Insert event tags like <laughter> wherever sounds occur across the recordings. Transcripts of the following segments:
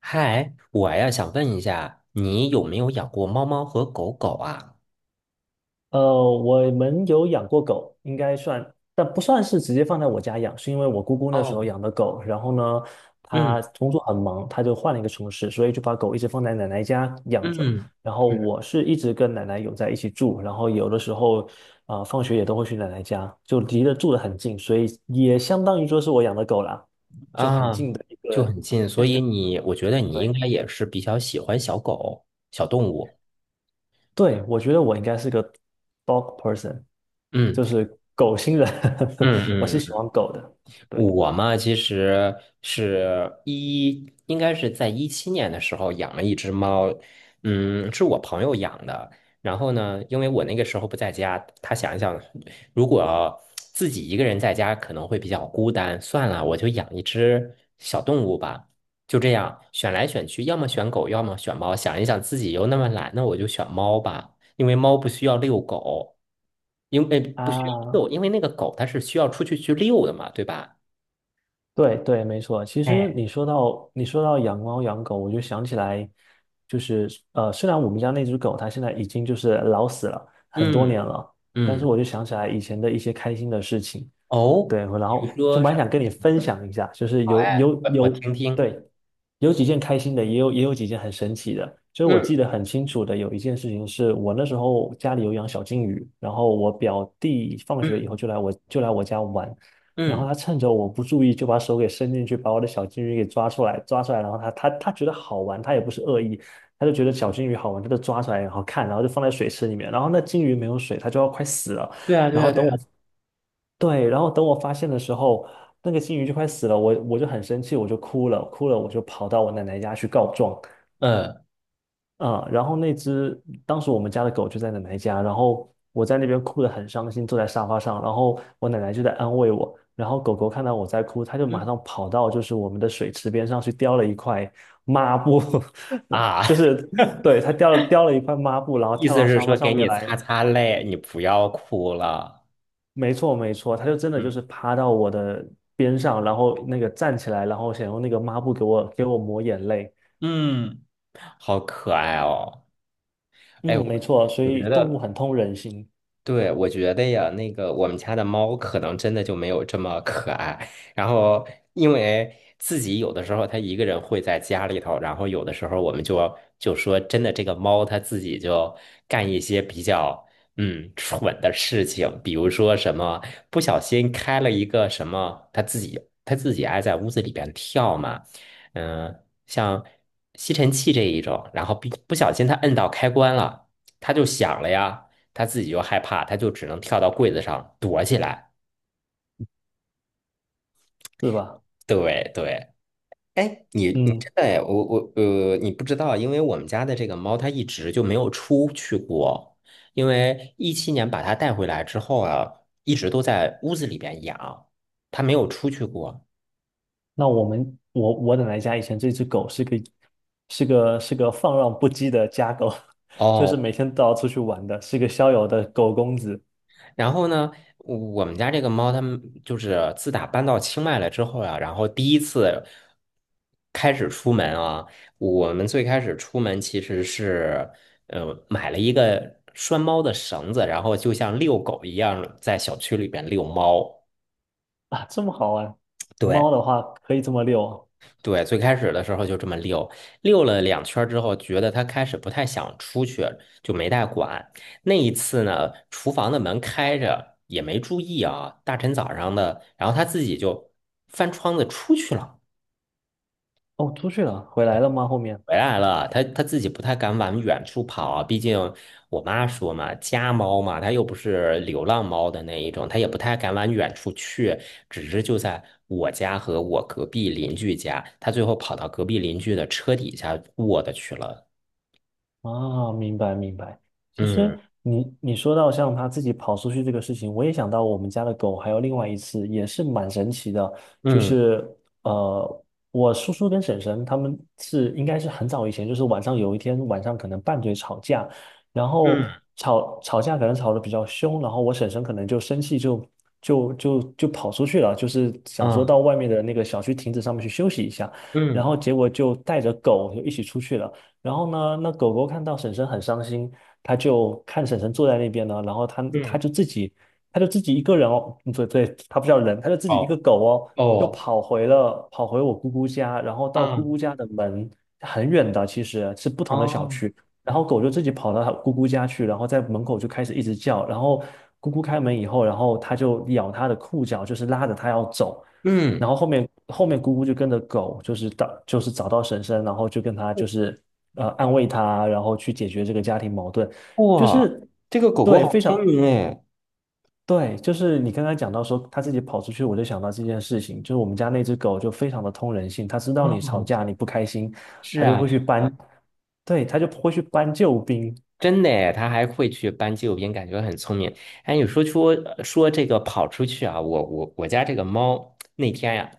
嗨，我呀想问一下，你有没有养过猫猫和狗狗啊？呃，我们有养过狗，应该算，但不算是直接放在我家养，是因为我姑姑那时候哦，养的狗，然后呢，她嗯工作很忙，她就换了一个城市，所以就把狗一直放在奶奶家养嗯着。然后嗯我是一直跟奶奶有在一起住，然后有的时候放学也都会去奶奶家，就离得住得很近，所以也相当于说是我养的狗啦，就很啊，这个就很近，所变以成你，我觉得你应对，该也是比较喜欢小狗、小动物。对，我觉得我应该是个 dog person，就嗯是狗星人。<laughs> 我是嗯喜嗯。欢狗的。对我嘛，其实应该是在一七年的时候养了一只猫，嗯，是我朋友养的。然后呢，因为我那个时候不在家，他想一想，如果自己一个人在家可能会比较孤单，算了，我就养一只小动物吧。就这样选来选去，要么选狗，要么选猫。想一想自己又那么懒，那我就选猫吧，因为猫不需要遛狗，因为不需要遛，啊，因为那个狗它是需要出去去遛的嘛，对吧？对对，没错。其实哎，你说到养猫养狗，我就想起来，就是虽然我们家那只狗它现在已经就是老死了很多嗯年了，但是嗯，我就想起来以前的一些开心的事情。哦，对，然比如后就说蛮啥？想跟你分享一下，就是好有哎，有我有听听。对，有几件开心的，也有几件很神奇的。就是我记嗯得很清楚的，有一件事情是我那时候家里有养小金鱼，然后我表弟放学以后嗯就来我家玩。然后嗯，他趁着我不注意，就把手给伸进去，把我的小金鱼给抓出来，然后他觉得好玩，他也不是恶意，他就觉得小金鱼好玩，他就抓出来，然后看，然后就放在水池里面，然后那金鱼没有水，它就要快死了。对啊对然后啊对等我，啊。对，然后等我发现的时候，那个金鱼就快死了，我就很生气，我就哭了，我就跑到我奶奶家去告状。嗯嗯，然后当时我们家的狗就在奶奶家，然后我在那边哭得很伤心，坐在沙发上，然后我奶奶就在安慰我，然后狗狗看到我在哭，它就马嗯上跑到就是我们的水池边上去叼了一块抹布。啊，<laughs> 就是对，它叼了一块抹布，然 <laughs> 后意跳思到是沙发说给上面你擦来。擦泪，你不要哭了。没错，没错，它就真的就嗯，是趴到我的边上，然后站起来，然后想用那个抹布给我抹眼泪。嗯，好可爱哦。哎，嗯，我没错，所我觉以动物得。很通人性。对，我觉得呀，那个我们家的猫可能真的就没有这么可爱。然后，因为自己有的时候它一个人会在家里头，然后有的时候我们就说，真的这个猫它自己就干一些比较蠢的事情，比如说什么不小心开了一个什么，它自己爱在屋子里边跳嘛，嗯，像吸尘器这一种，然后不小心它摁到开关了，它就响了呀。他自己又害怕，他就只能跳到柜子上躲起来。是吧？对对，哎，你嗯。真的哎我我呃，你不知道，因为我们家的这个猫它一直就没有出去过，因为一七年把它带回来之后啊，一直都在屋子里边养，它没有出去过。那我们我我奶奶家以前这只狗是个是个是个放浪不羁的家狗。<laughs> 就是哦，每天都要出去玩的，是个逍遥的狗公子。然后呢，我们家这个猫，它们就是自打搬到清迈来之后呀、然后第一次开始出门啊，我们最开始出门其实是，买了一个拴猫的绳子，然后就像遛狗一样，在小区里边遛猫。啊，这么好玩。对，猫的话可以这么遛啊。对，最开始的时候就这么遛，遛了两圈儿之后，觉得他开始不太想出去，就没带管。那一次呢，厨房的门开着，也没注意啊，大晨早上的，然后他自己就翻窗子出去了。哦，出去了，回来了吗？后面？回来了，它自己不太敢往远处跑啊，毕竟我妈说嘛，家猫嘛，它又不是流浪猫的那一种，它也不太敢往远处去，只是就在我家和我隔壁邻居家，它最后跑到隔壁邻居的车底下卧的去了。啊，明白明白。其实嗯你说到像它自己跑出去这个事情，我也想到我们家的狗，还有另外一次也是蛮神奇的。就嗯是呃，我叔叔跟婶婶他们应该是很早以前，就是有一天晚上可能拌嘴吵架，然后嗯吵架可能吵得比较凶，然后我婶婶可能就生气就跑出去了，就是想说啊到外面的那个小区亭子上面去休息一下，然嗯后结果就带着狗就一起出去了。然后呢，那狗狗看到婶婶很伤心，它就看婶婶坐在那边呢，然后嗯，它就自己一个人哦。嗯，对对，它不叫人，它就自己一个哦狗哦，就哦跑回我姑姑家，然后到姑姑啊家的门很远的，其实是不同的小啊区，然后狗就自己跑到它姑姑家去，然后在门口就开始一直叫，然后姑姑开门以后，然后它就咬它的裤脚，就是拉着它要走。然嗯，后后面姑姑就跟着狗，就是到就是找到婶婶，然后就跟她就是安慰他啊，然后去解决这个家庭矛盾。就哇，是这个狗狗对，好非聪常明哎。对，就是你刚刚讲到说他自己跑出去，我就想到这件事情，就是我们家那只狗就非常的通人性，它知道你吵啊，架你不开心，是它就啊。会去搬，对，它就会去搬救兵。真的诶，他还会去搬纪录片，感觉很聪明。哎，你说说这个跑出去啊，我家这个猫那天呀、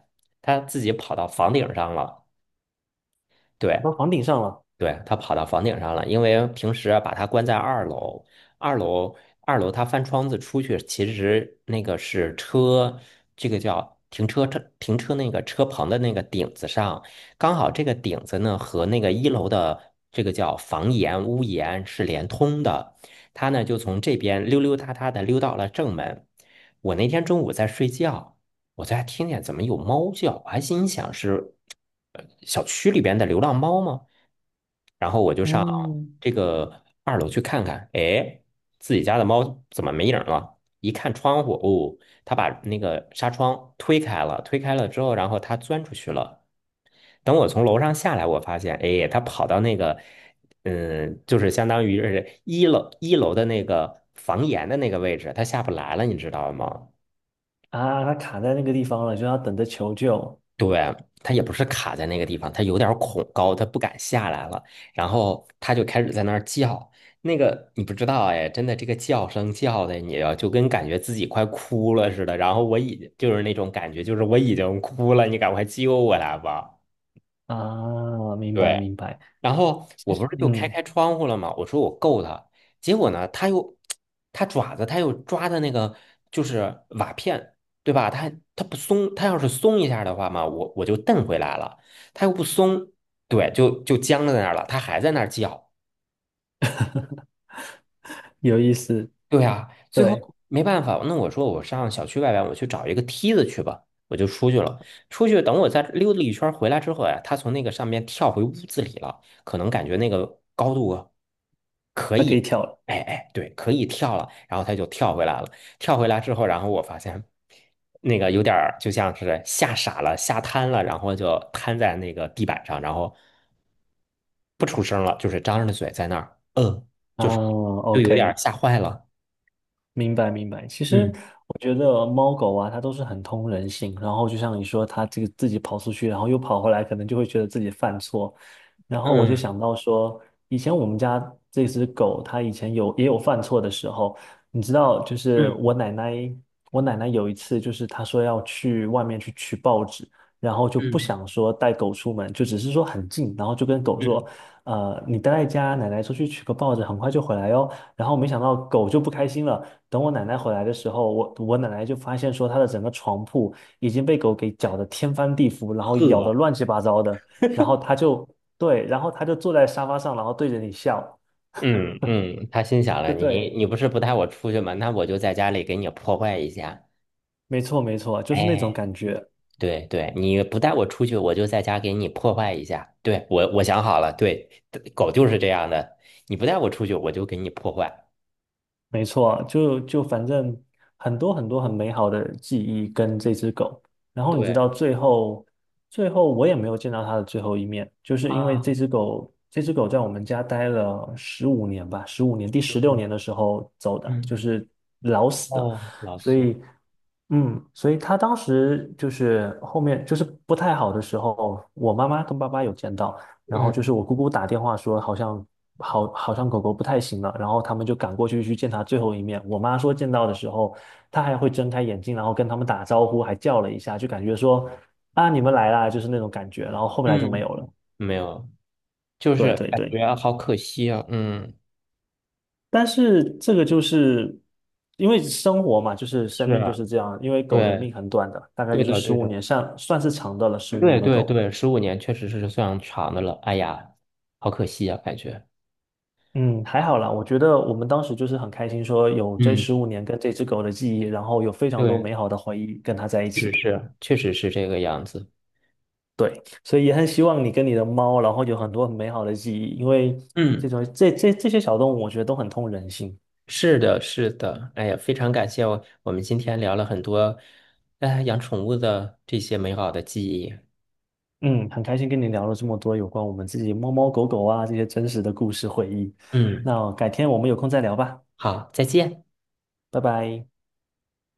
它自己跑到房顶上了。对，跑到房顶上了。对，它跑到房顶上了，因为平时啊把它关在二楼，二楼二楼它翻窗子出去，其实那个是车，这个叫停车那个车棚的那个顶子上，刚好这个顶子呢和那个一楼的这个叫房檐屋檐是连通的，它呢就从这边溜溜达达的溜到了正门。我那天中午在睡觉，我在听见怎么有猫叫，我还心想是小区里边的流浪猫吗？然后我就上嗯，这个二楼去看看，哎，自己家的猫怎么没影儿了？一看窗户，哦，它把那个纱窗推开了，推开了之后，然后它钻出去了。等我从楼上下来，我发现，哎，它跑到那个，嗯，就是相当于是一楼的那个房檐的那个位置，它下不来了，你知道吗？啊，它卡在那个地方了，就要等着求救。对，他也不是卡在那个地方，他有点儿恐高，他不敢下来了，然后他就开始在那儿叫。那个你不知道哎，真的这个叫声叫的你啊，就跟感觉自己快哭了似的。然后就是那种感觉，就是我已经哭了，你赶快救我来吧。啊，明白对，明白。然后其我不实是就开嗯，开窗户了吗？我说我够它，结果呢，它又它爪子它又抓的那个就是瓦片，对吧？它不松，它要是松一下的话嘛，我就蹬回来了，它又不松，对，就僵在那儿了，它还在那儿叫。有意思。对呀，最对，后没办法，那我说我上小区外边，我去找一个梯子去吧，我就出去了。出去等我再溜达一圈儿回来之后呀，他从那个上面跳回屋子里了，可能感觉那个高度啊可它可以以，跳了。哎哎，对，可以跳了，然后他就跳回来了。跳回来之后，然后我发现那个有点儿就像是吓傻了、吓瘫了，然后就瘫在那个地板上，然后不出声了，就是张着嘴在那儿，嗯，啊就是有点儿，OK。吓坏了。明白明白。其实嗯。我觉得猫狗啊，它都是很通人性。然后就像你说，它自己跑出去，然后又跑回来，可能就会觉得自己犯错。然后我就嗯，想到说，以前我们家这只狗，它以前也有犯错的时候。你知道，就是我嗯奶奶，我奶奶有一次就是她说要去外面去取报纸，然后就不嗯想说带狗出门，就只是说很近，然后就跟狗说，嗯，你待在家，奶奶出去取个报纸，很快就回来哦。然后没想到狗就不开心了。等我奶奶回来的时候，我奶奶就发现说她的整个床铺已经被狗给搅得天翻地覆，然后咬得呵，乱七八糟的。然后她就对，然后她就坐在沙发上，然后对着你笑。嗯嗯，他心想了，就你对，你不是不带我出去吗？那我就在家里给你破坏一下。没错没错，就是那种哎，感觉。对对，你不带我出去，我就在家给你破坏一下。对，我想好了，对，狗就是这样的，你不带我出去，我就给你破坏。没错，就反正很多很多很美好的记忆跟这只狗。然后你知对道最后，最后我也没有见到它的最后一面，就是因为啊，这只狗在我们家待了十五年吧，十五年，第师十六傅，年的时候走的，就嗯是老死的。哦，老所师，以嗯，所以他当时就是后面就是不太好的时候，我妈妈跟爸爸有见到，然后就是嗯，我姑姑打电话说好像好好像狗狗不太行了，然后他们就赶过去去见它最后一面。我妈说见到的时候，它还会睁开眼睛，然后跟他们打招呼，还叫了一下，就感觉说啊你们来啦，就是那种感觉。然后后面来就没有嗯了。没有，就对是对感对。觉好可惜啊。嗯，但是这个就是因为生活嘛，就是生命就是，是这样。因为狗的对，命很短的，大概对就是的，十对五的。年，算是长的了。十五对年的对狗，对，15年确实是算长的了。哎呀，好可惜啊，感觉。嗯，还好啦。我觉得我们当时就是很开心，说有这嗯，十五年跟这只狗的记忆，然后有非常多对，美好的回忆跟它在一起是的。是，确实是这个样子。对，所以也很希望你跟你的猫，然后有很多很美好的记忆，因为这嗯，种这些小动物，我觉得都很通人性。是的，是的。哎呀，非常感谢我们今天聊了很多，哎，养宠物的这些美好的记忆。嗯，很开心跟你聊了这么多有关我们自己猫猫狗狗啊这些真实的故事回忆。嗯，那改天我们有空再聊吧，好，再见。拜拜。